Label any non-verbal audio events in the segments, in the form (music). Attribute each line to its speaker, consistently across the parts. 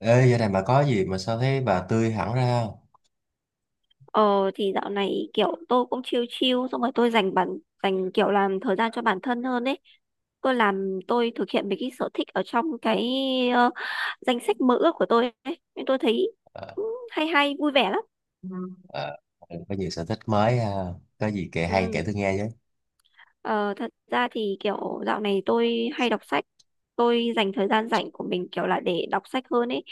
Speaker 1: Ê, giờ này bà có gì mà sao thấy bà tươi hẳn ra không?
Speaker 2: Ờ thì dạo này kiểu tôi cũng chill chill xong rồi tôi dành bản dành kiểu làm thời gian cho bản thân hơn ấy. Tôi thực hiện mấy cái sở thích ở trong cái ờ, danh sách mơ ước của tôi ấy. Nên tôi thấy
Speaker 1: Ờ.
Speaker 2: hay hay vui vẻ lắm.
Speaker 1: Ừ. ờ, có nhiều sở thích mới ha. Có gì kể hay kể
Speaker 2: Ừ.
Speaker 1: tôi nghe chứ.
Speaker 2: Ờ, Thật ra thì kiểu dạo này tôi hay đọc sách. Tôi dành thời gian rảnh của mình kiểu là để đọc sách hơn ấy.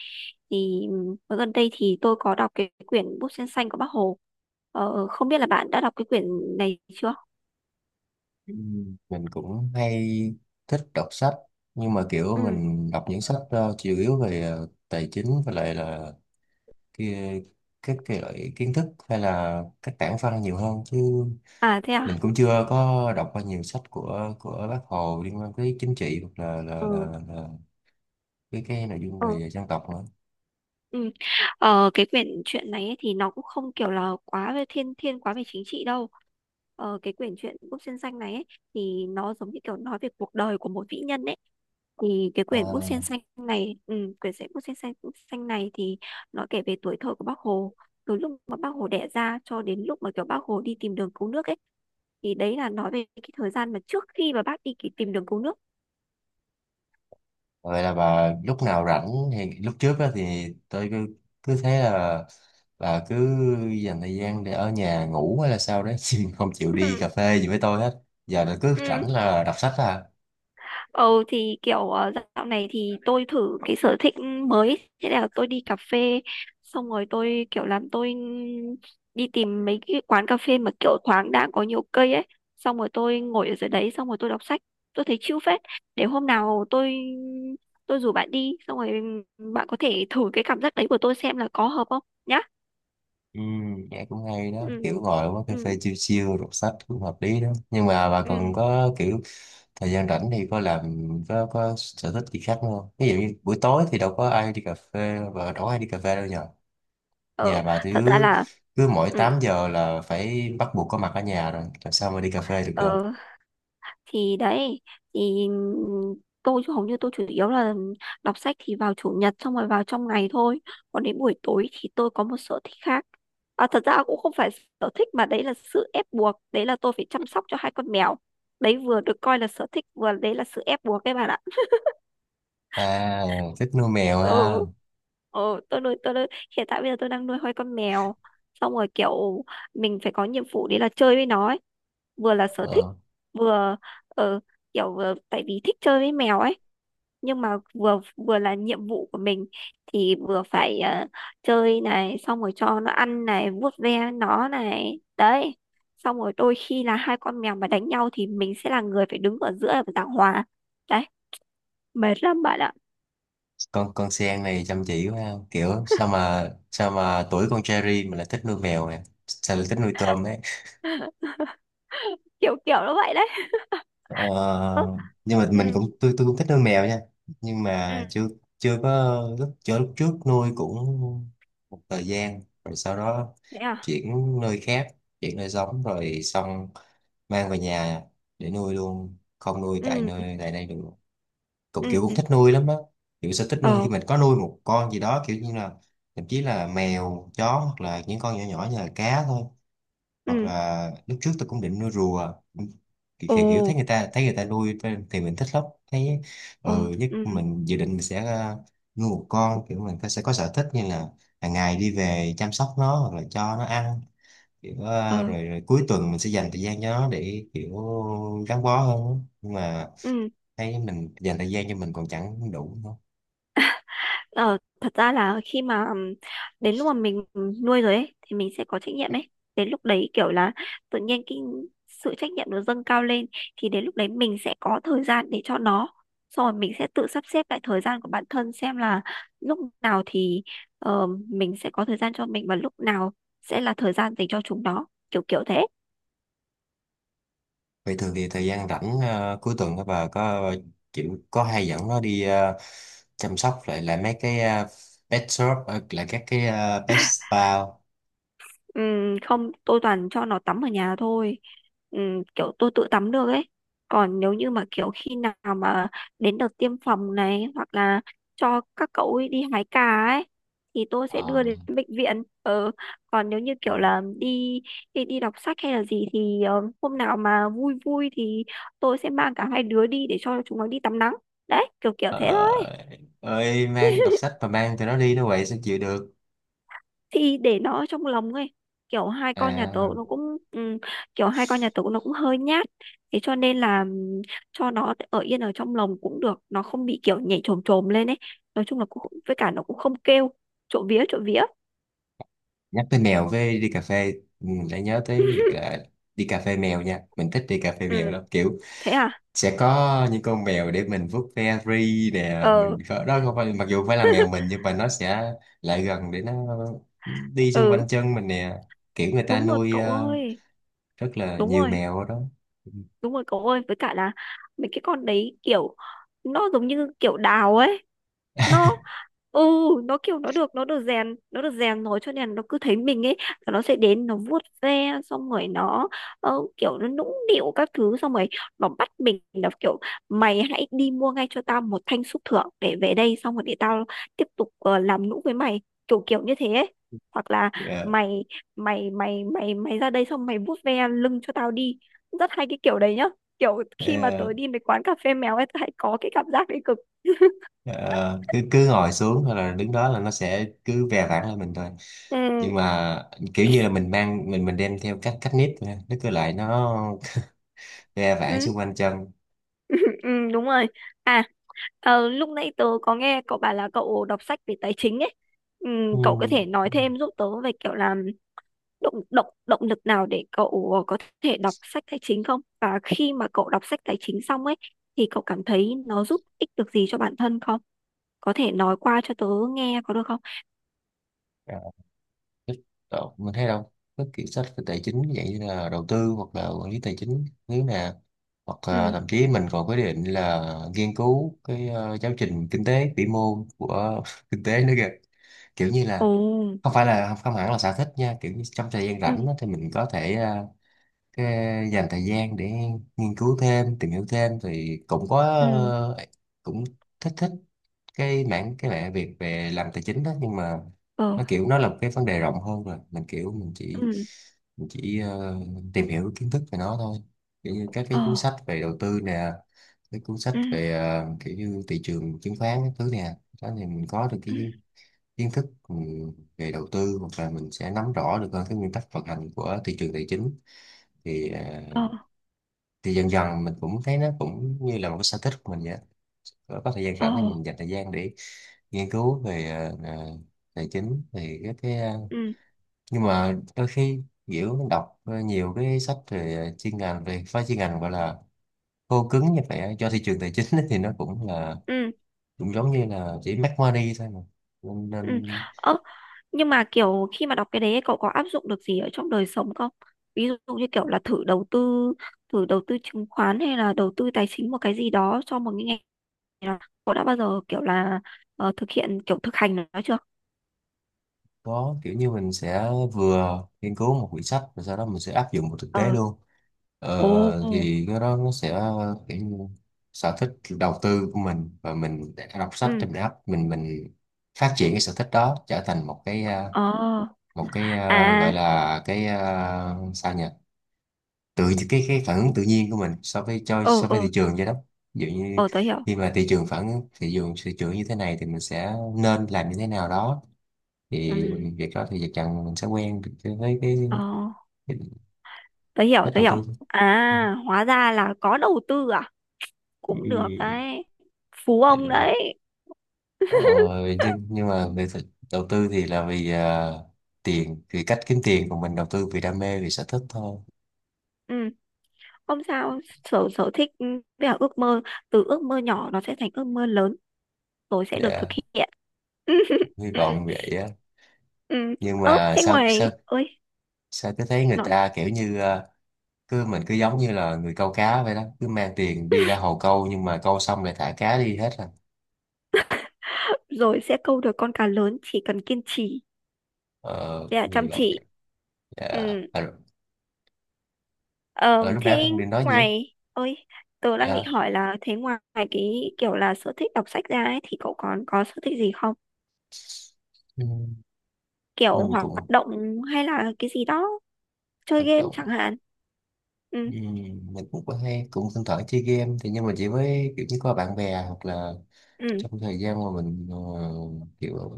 Speaker 2: Thì ở gần đây thì tôi có đọc cái quyển Bút Sen Xanh của Bác Hồ. Không biết là bạn đã đọc cái quyển này chưa?
Speaker 1: Ừ, mình cũng hay thích đọc sách nhưng mà kiểu
Speaker 2: Ừ.
Speaker 1: mình đọc những sách chủ yếu về tài chính và lại là cái, các cái loại kiến thức hay là các tảng văn nhiều hơn chứ
Speaker 2: À thế à?
Speaker 1: mình cũng chưa có đọc qua nhiều sách của Bác Hồ liên quan tới chính trị hoặc là là,
Speaker 2: Ừ.
Speaker 1: là, là cái nội dung
Speaker 2: Ờ,
Speaker 1: về dân tộc nữa.
Speaker 2: ừ. Cái quyển truyện này ấy, thì nó cũng không kiểu là quá về thiên thiên quá về chính trị đâu. Cái quyển truyện Búp Sen Xanh này ấy, thì nó giống như kiểu nói về cuộc đời của một vĩ nhân ấy. Thì cái quyển Búp
Speaker 1: Ờ,
Speaker 2: Sen Xanh này, quyển sách Búp Sen Xanh này thì nó kể về tuổi thơ của Bác Hồ. Từ lúc mà Bác Hồ đẻ ra cho đến lúc mà kiểu Bác Hồ đi tìm đường cứu nước ấy. Thì đấy là nói về cái thời gian mà trước khi mà bác đi tìm đường cứu nước.
Speaker 1: Vậy là bà lúc nào rảnh thì lúc trước á thì tôi cứ cứ thấy là bà cứ dành thời gian để ở nhà ngủ hay là sao đấy (laughs) chứ không chịu đi
Speaker 2: Ừ,
Speaker 1: cà phê gì với tôi hết. Giờ là cứ
Speaker 2: ừ.
Speaker 1: rảnh là đọc sách à?
Speaker 2: Ừ thì kiểu dạo này thì tôi thử cái sở thích mới, thế là tôi đi cà phê xong rồi tôi kiểu làm tôi đi tìm mấy cái quán cà phê mà kiểu thoáng đãng có nhiều cây ấy xong rồi tôi ngồi ở dưới đấy xong rồi tôi đọc sách, tôi thấy chill phết. Để hôm nào tôi rủ bạn đi xong rồi bạn có thể thử cái cảm giác đấy của tôi xem là có hợp không nhá.
Speaker 1: Ừ, nghe cũng hay đó,
Speaker 2: Ừ,
Speaker 1: kiểu ngồi uống
Speaker 2: ừ,
Speaker 1: cà phê chill chill đọc sách cũng hợp lý đó, nhưng mà bà còn
Speaker 2: ừ.
Speaker 1: có kiểu thời gian rảnh thì có làm có sở thích gì khác nữa không? Ví dụ như buổi tối thì đâu có ai đi cà phê và đâu có ai đi cà phê đâu nhỉ.
Speaker 2: ờ
Speaker 1: Nhà bà thì
Speaker 2: Thật ra
Speaker 1: cứ
Speaker 2: là.
Speaker 1: cứ mỗi
Speaker 2: Ừ.
Speaker 1: 8 giờ là phải bắt buộc có mặt ở nhà rồi làm sao mà đi cà phê được cơ.
Speaker 2: ờ thì đấy thì tôi chứ hầu như tôi chủ yếu là đọc sách thì vào chủ nhật xong rồi vào trong ngày thôi. Còn đến buổi tối thì tôi có một sở thích khác. À, thật ra cũng không phải sở thích mà đấy là sự ép buộc, đấy là tôi phải chăm sóc cho hai con mèo. Đấy vừa được coi là sở thích vừa đấy là sự ép buộc các bạn ạ. (laughs)
Speaker 1: À, thích nuôi mèo
Speaker 2: Ừ,
Speaker 1: ha.
Speaker 2: ừ. Tôi nuôi Hiện tại bây giờ tôi đang nuôi hai con mèo xong rồi kiểu mình phải có nhiệm vụ đấy là chơi với nó ấy, vừa là sở thích
Speaker 1: ờ,
Speaker 2: vừa ờ, kiểu vừa, tại vì thích chơi với mèo ấy nhưng mà vừa vừa là nhiệm vụ của mình. Thì vừa phải chơi này xong rồi cho nó ăn này, vuốt ve nó này đấy, xong rồi đôi khi là hai con mèo mà đánh nhau thì mình sẽ là người phải đứng ở giữa và giảng hòa đấy, mệt lắm bạn ạ.
Speaker 1: con Sen này chăm chỉ quá ha. Kiểu sao mà tuổi con Cherry mà lại thích nuôi mèo nè, sao lại thích nuôi tôm đấy.
Speaker 2: (laughs) Kiểu kiểu nó vậy đấy. Ừ,
Speaker 1: ờ, nhưng mà mình
Speaker 2: ừ,
Speaker 1: cũng tôi cũng thích nuôi mèo nha. Nhưng
Speaker 2: ừ,
Speaker 1: mà chưa chưa có lúc, chưa, lúc trước nuôi cũng một thời gian rồi sau đó
Speaker 2: thế à?
Speaker 1: chuyển nơi khác chuyển nơi sống, rồi xong mang về nhà để nuôi luôn, không nuôi
Speaker 2: Ừ,
Speaker 1: tại đây được. Cũng
Speaker 2: ừ,
Speaker 1: kiểu cũng
Speaker 2: ừ.
Speaker 1: thích nuôi lắm á. Kiểu sẽ thích nuôi khi
Speaker 2: Ờ.
Speaker 1: mình có nuôi một con gì đó, kiểu như là thậm chí là mèo chó hoặc là những con nhỏ nhỏ như là cá thôi. Hoặc
Speaker 2: Ừ.
Speaker 1: là lúc trước tôi cũng định nuôi rùa
Speaker 2: Ồ.
Speaker 1: thì kiểu thấy người ta nuôi thì mình thích lắm thấy.
Speaker 2: Ồ.
Speaker 1: Ừ, nhất
Speaker 2: Ừ.
Speaker 1: mình dự định mình sẽ nuôi một con, kiểu mình sẽ có sở thích như là hàng ngày đi về chăm sóc nó hoặc là cho nó ăn, kiểu à,
Speaker 2: Ờ.
Speaker 1: rồi cuối tuần mình sẽ dành thời gian cho nó để kiểu gắn bó hơn á. Nhưng mà
Speaker 2: Ừ.
Speaker 1: thấy mình dành thời gian cho mình còn chẳng đủ đâu.
Speaker 2: Ờ, thật ra là khi mà đến lúc mà mình nuôi rồi ấy thì mình sẽ có trách nhiệm ấy. Đến lúc đấy kiểu là tự nhiên cái sự trách nhiệm nó dâng cao lên, thì đến lúc đấy mình sẽ có thời gian để cho nó. Xong rồi mình sẽ tự sắp xếp lại thời gian của bản thân xem là lúc nào thì mình sẽ có thời gian cho mình, và lúc nào sẽ là thời gian dành cho chúng nó. Kiểu kiểu thế.
Speaker 1: Vậy thường thì thời gian rảnh à, cuối tuần đó bà có hay dẫn nó đi à, chăm sóc lại là mấy cái à, pet shop, là các cái à, pet spa không?
Speaker 2: Ừ, không tôi toàn cho nó tắm ở nhà thôi, ừ, kiểu tôi tự tắm được ấy. Còn nếu như mà kiểu khi nào mà đến đợt tiêm phòng này hoặc là cho các cậu ấy đi hái cà ấy thì tôi sẽ
Speaker 1: Ờ.
Speaker 2: đưa đến bệnh viện. Ờ, Còn nếu như
Speaker 1: Ờ.
Speaker 2: kiểu là đi đi đi đọc sách hay là gì thì hôm nào mà vui vui thì tôi sẽ mang cả hai đứa đi để cho chúng nó đi tắm nắng, đấy kiểu kiểu thế thôi.
Speaker 1: Ờ, ơi, mang đọc sách mà mang tụi nó đi nó vậy sao chịu được.
Speaker 2: Thì để nó ở trong lòng ấy, kiểu hai con nhà tớ
Speaker 1: À,
Speaker 2: nó cũng ừ, kiểu hai con nhà tớ nó cũng hơi nhát, thế cho nên là cho nó ở yên ở trong lồng cũng được, nó không bị kiểu nhảy chồm chồm lên ấy. Nói chung là cũng với cả nó cũng không kêu, trộm vía trộm vía.
Speaker 1: nhắc tới mèo với đi cà phê ừ, lại nhớ tới
Speaker 2: (laughs)
Speaker 1: đi cà phê mèo nha. Mình thích đi cà phê mèo
Speaker 2: Ừ.
Speaker 1: lắm, kiểu
Speaker 2: Thế à?
Speaker 1: sẽ có những con mèo để mình vuốt ve ri nè,
Speaker 2: Ờ.
Speaker 1: đó không phải mặc dù không phải là mèo mình
Speaker 2: (laughs)
Speaker 1: nhưng mà nó sẽ lại gần để nó đi xung
Speaker 2: Ừ,
Speaker 1: quanh chân mình nè. Kiểu người ta
Speaker 2: đúng rồi
Speaker 1: nuôi
Speaker 2: cậu ơi.
Speaker 1: rất là
Speaker 2: Đúng
Speaker 1: nhiều
Speaker 2: rồi.
Speaker 1: mèo ở đó. Ừ.
Speaker 2: Đúng rồi cậu ơi, với cả là mấy cái con đấy kiểu nó giống như kiểu đào ấy. Nó ừ nó kiểu nó được rèn rồi cho nên nó cứ thấy mình ấy là nó sẽ đến nó vuốt ve xong rồi nó kiểu nó nũng nịu các thứ xong rồi nó bắt mình là kiểu: mày hãy đi mua ngay cho tao một thanh xúc thưởng để về đây xong rồi để tao tiếp tục làm nũng với mày, kiểu kiểu như thế ấy. Hoặc là
Speaker 1: Ờ,
Speaker 2: mày mày mày mày mày ra đây xong mày vuốt ve lưng cho tao đi. Rất hay cái kiểu đấy nhá, kiểu khi mà
Speaker 1: ờ,
Speaker 2: tớ đi mấy quán cà phê mèo ấy tớ hay có cái cảm giác đấy cực. (laughs)
Speaker 1: ờ, cứ cứ ngồi xuống hay là đứng đó là nó sẽ cứ ve vãn lên mình thôi.
Speaker 2: Ừ,
Speaker 1: Nhưng mà kiểu như là mình đem theo cách cách nếp thôi. Nó cứ lại nó ra vãng xung
Speaker 2: ừ,
Speaker 1: quanh chân.
Speaker 2: ừ, đúng rồi. À. Lúc nãy tớ có nghe cậu bảo là cậu đọc sách về tài chính ấy. Ừ,
Speaker 1: Ừ.
Speaker 2: cậu có thể nói thêm giúp tớ về kiểu là động động động lực nào để cậu có thể đọc sách tài chính không, và khi mà cậu đọc sách tài chính xong ấy thì cậu cảm thấy nó giúp ích được gì cho bản thân không, có thể nói qua cho tớ nghe có được không?
Speaker 1: À, thích mình thấy đâu các kỳ sách về tài chính vậy, như là đầu tư hoặc là quản lý tài chính nếu nè, hoặc là
Speaker 2: Ừ.
Speaker 1: thậm chí mình còn quyết định là nghiên cứu cái giáo trình kinh tế vĩ mô của (laughs) kinh tế nữa kìa. Kiểu như
Speaker 2: Ồ.
Speaker 1: là không hẳn là sở thích nha, kiểu như trong thời gian
Speaker 2: Ừ.
Speaker 1: rảnh á, thì mình có thể cái dành thời gian để nghiên cứu thêm tìm hiểu thêm thì cũng có,
Speaker 2: Ừ.
Speaker 1: ờ, cũng thích thích cái mảng việc về làm tài chính đó. Nhưng mà
Speaker 2: Ờ.
Speaker 1: nó kiểu nó là một cái vấn đề rộng hơn rồi, mình kiểu mình chỉ
Speaker 2: Ừ.
Speaker 1: mình chỉ tìm hiểu kiến thức về nó thôi, kiểu như các
Speaker 2: Ồ,
Speaker 1: cái cuốn sách về đầu tư nè, cái cuốn sách
Speaker 2: ừ,
Speaker 1: về kiểu như thị trường chứng khoán các thứ nè. Đó thì mình có được
Speaker 2: ừ,
Speaker 1: cái kiến thức, về đầu tư, hoặc là mình sẽ nắm rõ được hơn cái nguyên tắc vận hành của thị trường tài chính, thì ờ,
Speaker 2: ồ,
Speaker 1: thì dần dần mình cũng thấy nó cũng như là một cái sở thích của mình vậy á. Có thời gian
Speaker 2: ồ,
Speaker 1: rảnh thì mình dành thời gian để nghiên cứu về tài chính thì
Speaker 2: ừ,
Speaker 1: nhưng mà đôi khi kiểu mình đọc nhiều cái sách về chuyên ngành về chuyên ngành gọi là khô cứng như vậy á, cho thị trường tài chính (laughs) ấy thì nó
Speaker 2: ừ,
Speaker 1: cũng giống như là chỉ make money thôi mà, nên,
Speaker 2: ừ.
Speaker 1: nên
Speaker 2: Ơ, nhưng mà kiểu khi mà đọc cái đấy cậu có áp dụng được gì ở trong đời sống không? Ví dụ như kiểu là thử đầu tư chứng khoán hay là đầu tư tài chính một cái gì đó cho một cái ngành nào. Cậu đã bao giờ kiểu là thực hiện kiểu thực hành nó chưa?
Speaker 1: có kiểu như mình sẽ vừa nghiên cứu một quyển sách rồi sau đó mình sẽ áp dụng vào thực tế
Speaker 2: Ờ,
Speaker 1: luôn.
Speaker 2: ồ,
Speaker 1: Thì cái đó nó sẽ kiểu như sở thích đầu tư của mình, và mình đã đọc sách
Speaker 2: ừ,
Speaker 1: thì mình áp mình phát triển cái sở thích đó trở thành một cái à,
Speaker 2: ờ,
Speaker 1: gọi
Speaker 2: à,
Speaker 1: là cái à, sao nhỉ, tự cái phản ứng tự nhiên của mình
Speaker 2: ờ,
Speaker 1: so với
Speaker 2: ờ,
Speaker 1: thị trường vậy đó. Ví dụ như
Speaker 2: ờ, tớ hiểu,
Speaker 1: khi mà thị trường, thị trường như thế này thì mình sẽ nên làm như thế nào đó, thì
Speaker 2: ừ,
Speaker 1: việc đó thì chắc chắn mình sẽ quen với cái cái
Speaker 2: ờ,
Speaker 1: cái
Speaker 2: tớ hiểu,
Speaker 1: cách
Speaker 2: tớ
Speaker 1: đầu
Speaker 2: hiểu.
Speaker 1: tư.
Speaker 2: À, hóa ra là có đầu tư à, cũng được
Speaker 1: Ừ.
Speaker 2: đấy, phú ông
Speaker 1: Dạ.
Speaker 2: đấy.
Speaker 1: ờ, nhưng mà về đầu tư thì là vì à, tiền, vì cách kiếm tiền của mình, đầu tư vì đam mê vì sở thích thôi.
Speaker 2: Ừ, không sao, sở sở thích, ừ, với cả ước mơ, từ ước mơ nhỏ nó sẽ thành ước mơ lớn rồi sẽ được thực
Speaker 1: Dạ,
Speaker 2: hiện. (laughs) Ừ,
Speaker 1: hy
Speaker 2: ừ,
Speaker 1: vọng vậy á.
Speaker 2: ừ.
Speaker 1: Nhưng
Speaker 2: Ơ,
Speaker 1: mà
Speaker 2: thế
Speaker 1: sao sao
Speaker 2: ngoài ơi
Speaker 1: sao cứ thấy người
Speaker 2: nói.
Speaker 1: ta kiểu như à, cứ mình cứ giống như là người câu cá vậy đó, cứ mang tiền đi ra
Speaker 2: (laughs)
Speaker 1: hồ câu nhưng mà câu xong lại thả cá đi hết à.
Speaker 2: Rồi sẽ câu được con cá lớn, chỉ cần kiên trì
Speaker 1: Ờ,
Speaker 2: với cả
Speaker 1: hy
Speaker 2: chăm
Speaker 1: vọng vậy.
Speaker 2: chỉ.
Speaker 1: Dạ.
Speaker 2: Ừ.
Speaker 1: À, rồi.
Speaker 2: ờ,
Speaker 1: Ờ, lúc nãy
Speaker 2: Thế
Speaker 1: Phương định nói gì á?
Speaker 2: ngoài ơi, tớ đang định
Speaker 1: Dạ.
Speaker 2: hỏi là thế ngoài cái kiểu là sở thích đọc sách ra ấy, thì cậu còn có sở thích gì không,
Speaker 1: Ừ.
Speaker 2: kiểu
Speaker 1: mình
Speaker 2: hoạt
Speaker 1: cũng
Speaker 2: động hay là cái gì đó, chơi
Speaker 1: hoạt
Speaker 2: game
Speaker 1: động
Speaker 2: chẳng hạn. Ừ,
Speaker 1: Ừm, mình cũng có hay cũng thỉnh thoảng chơi game thì, nhưng mà chỉ với kiểu như có bạn bè hoặc là
Speaker 2: ừ,
Speaker 1: trong thời gian mà mình kiểu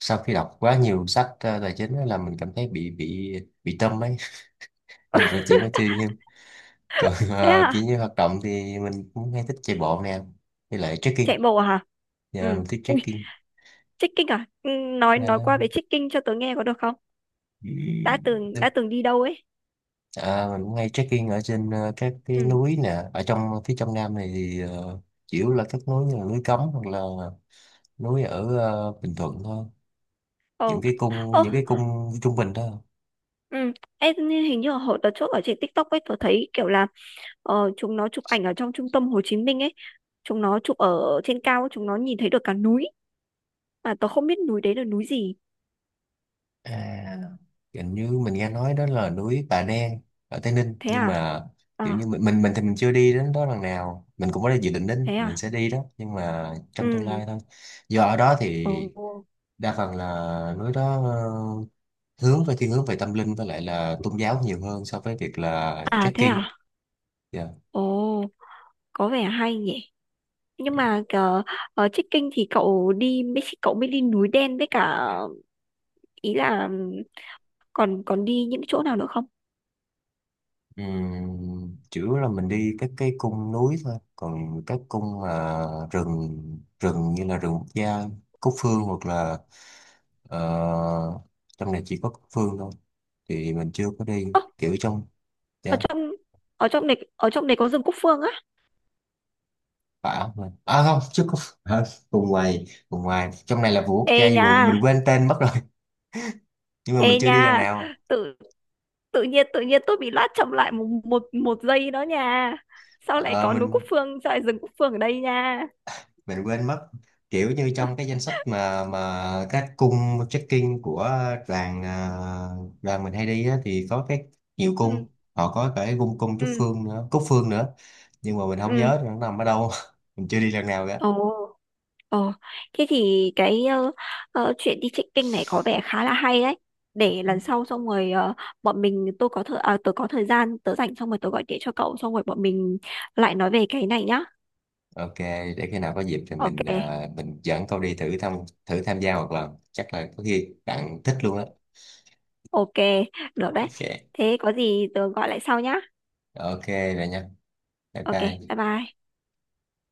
Speaker 1: sau khi đọc quá nhiều sách tài chính á là mình cảm thấy bị tâm ấy (laughs) nên rồi chuyển qua chơi game. Còn
Speaker 2: thế
Speaker 1: kiểu
Speaker 2: à?
Speaker 1: như hoạt động thì mình cũng hay thích chạy bộ nè, với lại trekking.
Speaker 2: Chạy bộ à hả?
Speaker 1: Giờ mình
Speaker 2: Ừ.
Speaker 1: thích
Speaker 2: Ui,
Speaker 1: trekking.
Speaker 2: trekking à? Ừ, nói
Speaker 1: Yeah.
Speaker 2: qua về trekking cho tớ nghe có được không? Đã từng đi đâu ấy?
Speaker 1: À, mình cũng hay trekking ở trên các cái
Speaker 2: Ừ.
Speaker 1: núi nè ở trong phía trong Nam này thì chủ yếu là các núi như là núi Cấm hoặc là núi ở Bình Thuận thôi,
Speaker 2: Ồ. Ồ.
Speaker 1: những cái cung trung bình thôi.
Speaker 2: Ừ. Em hình như hồi đợt trước ở trên TikTok ấy tớ thấy kiểu là chúng nó chụp ảnh ở trong trung tâm Hồ Chí Minh ấy, chúng nó chụp ở trên cao chúng nó nhìn thấy được cả núi mà tớ không biết núi đấy là núi gì.
Speaker 1: À, hình như mình nghe nói đó là núi Bà Đen ở Tây Ninh.
Speaker 2: Thế
Speaker 1: Nhưng
Speaker 2: à?
Speaker 1: mà kiểu như
Speaker 2: À
Speaker 1: mình thì mình chưa đi đến đó lần nào, mình cũng có dự định đến,
Speaker 2: thế
Speaker 1: mình
Speaker 2: à?
Speaker 1: sẽ đi đó nhưng mà trong tương
Speaker 2: Ừ.
Speaker 1: lai thôi, do ở đó thì
Speaker 2: Ồ.
Speaker 1: đa phần là núi đó hướng về tâm linh với lại là tôn giáo nhiều hơn so với việc là
Speaker 2: À thế
Speaker 1: trekking.
Speaker 2: à?
Speaker 1: Yeah.
Speaker 2: Ồ, có vẻ hay nhỉ. Nhưng mà ở trekking thì cậu đi Mexico cậu mới đi núi đen với cả ý là còn còn đi những chỗ nào nữa không?
Speaker 1: Chủ yếu là mình đi các cái cung núi thôi, còn các cung mà rừng rừng như là rừng quốc gia Cúc Phương, hoặc là ờ, trong này chỉ có Cúc Phương thôi, thì mình chưa có đi
Speaker 2: Ơ,
Speaker 1: kiểu trong.
Speaker 2: ở
Speaker 1: Yeah.
Speaker 2: trong ở trong này có rừng Cúc Phương á.
Speaker 1: À, à, không chứ có (laughs) à, vùng ngoài trong này là vườn quốc
Speaker 2: Ê
Speaker 1: gia gì,
Speaker 2: nha,
Speaker 1: mình quên tên mất rồi. (laughs) Nhưng mà mình
Speaker 2: ê
Speaker 1: chưa đi lần
Speaker 2: nha.
Speaker 1: nào.
Speaker 2: Tự tự nhiên tôi bị lát chậm lại một một một giây đó nha. Sao lại
Speaker 1: Ờ,
Speaker 2: có núi
Speaker 1: mình
Speaker 2: Cúc Phương, sao lại rừng Cúc Phương ở đây nha.
Speaker 1: mình quên mất, kiểu như trong cái danh sách mà các cung trekking của đoàn à, đoàn mình hay đi á, thì có cái nhiều
Speaker 2: Ừ,
Speaker 1: cung họ có cả cái cung cung Trúc
Speaker 2: ừ,
Speaker 1: Phương nữa, Cúc Phương nữa, nhưng mà mình không
Speaker 2: ừ.
Speaker 1: nhớ nó nằm ở đâu. (laughs) Mình chưa đi lần nào cả.
Speaker 2: Ồ. Ờ, Thế thì cái chuyện đi trekking này có vẻ khá là hay đấy. Để lần sau xong rồi bọn mình tôi có thời à, tôi có thời gian tớ rảnh xong rồi tớ gọi điện cho cậu xong rồi bọn mình lại nói về cái này nhá.
Speaker 1: Ok, để khi nào có dịp thì
Speaker 2: Ok,
Speaker 1: mình dẫn cậu đi thử thăm, thử tham gia một lần chắc là có khi bạn thích luôn á.
Speaker 2: ok, được đấy.
Speaker 1: Ok.
Speaker 2: Thế có gì tớ gọi lại sau nhá.
Speaker 1: Ok, rồi nha. Bye
Speaker 2: Ok,
Speaker 1: bye.
Speaker 2: bye bye.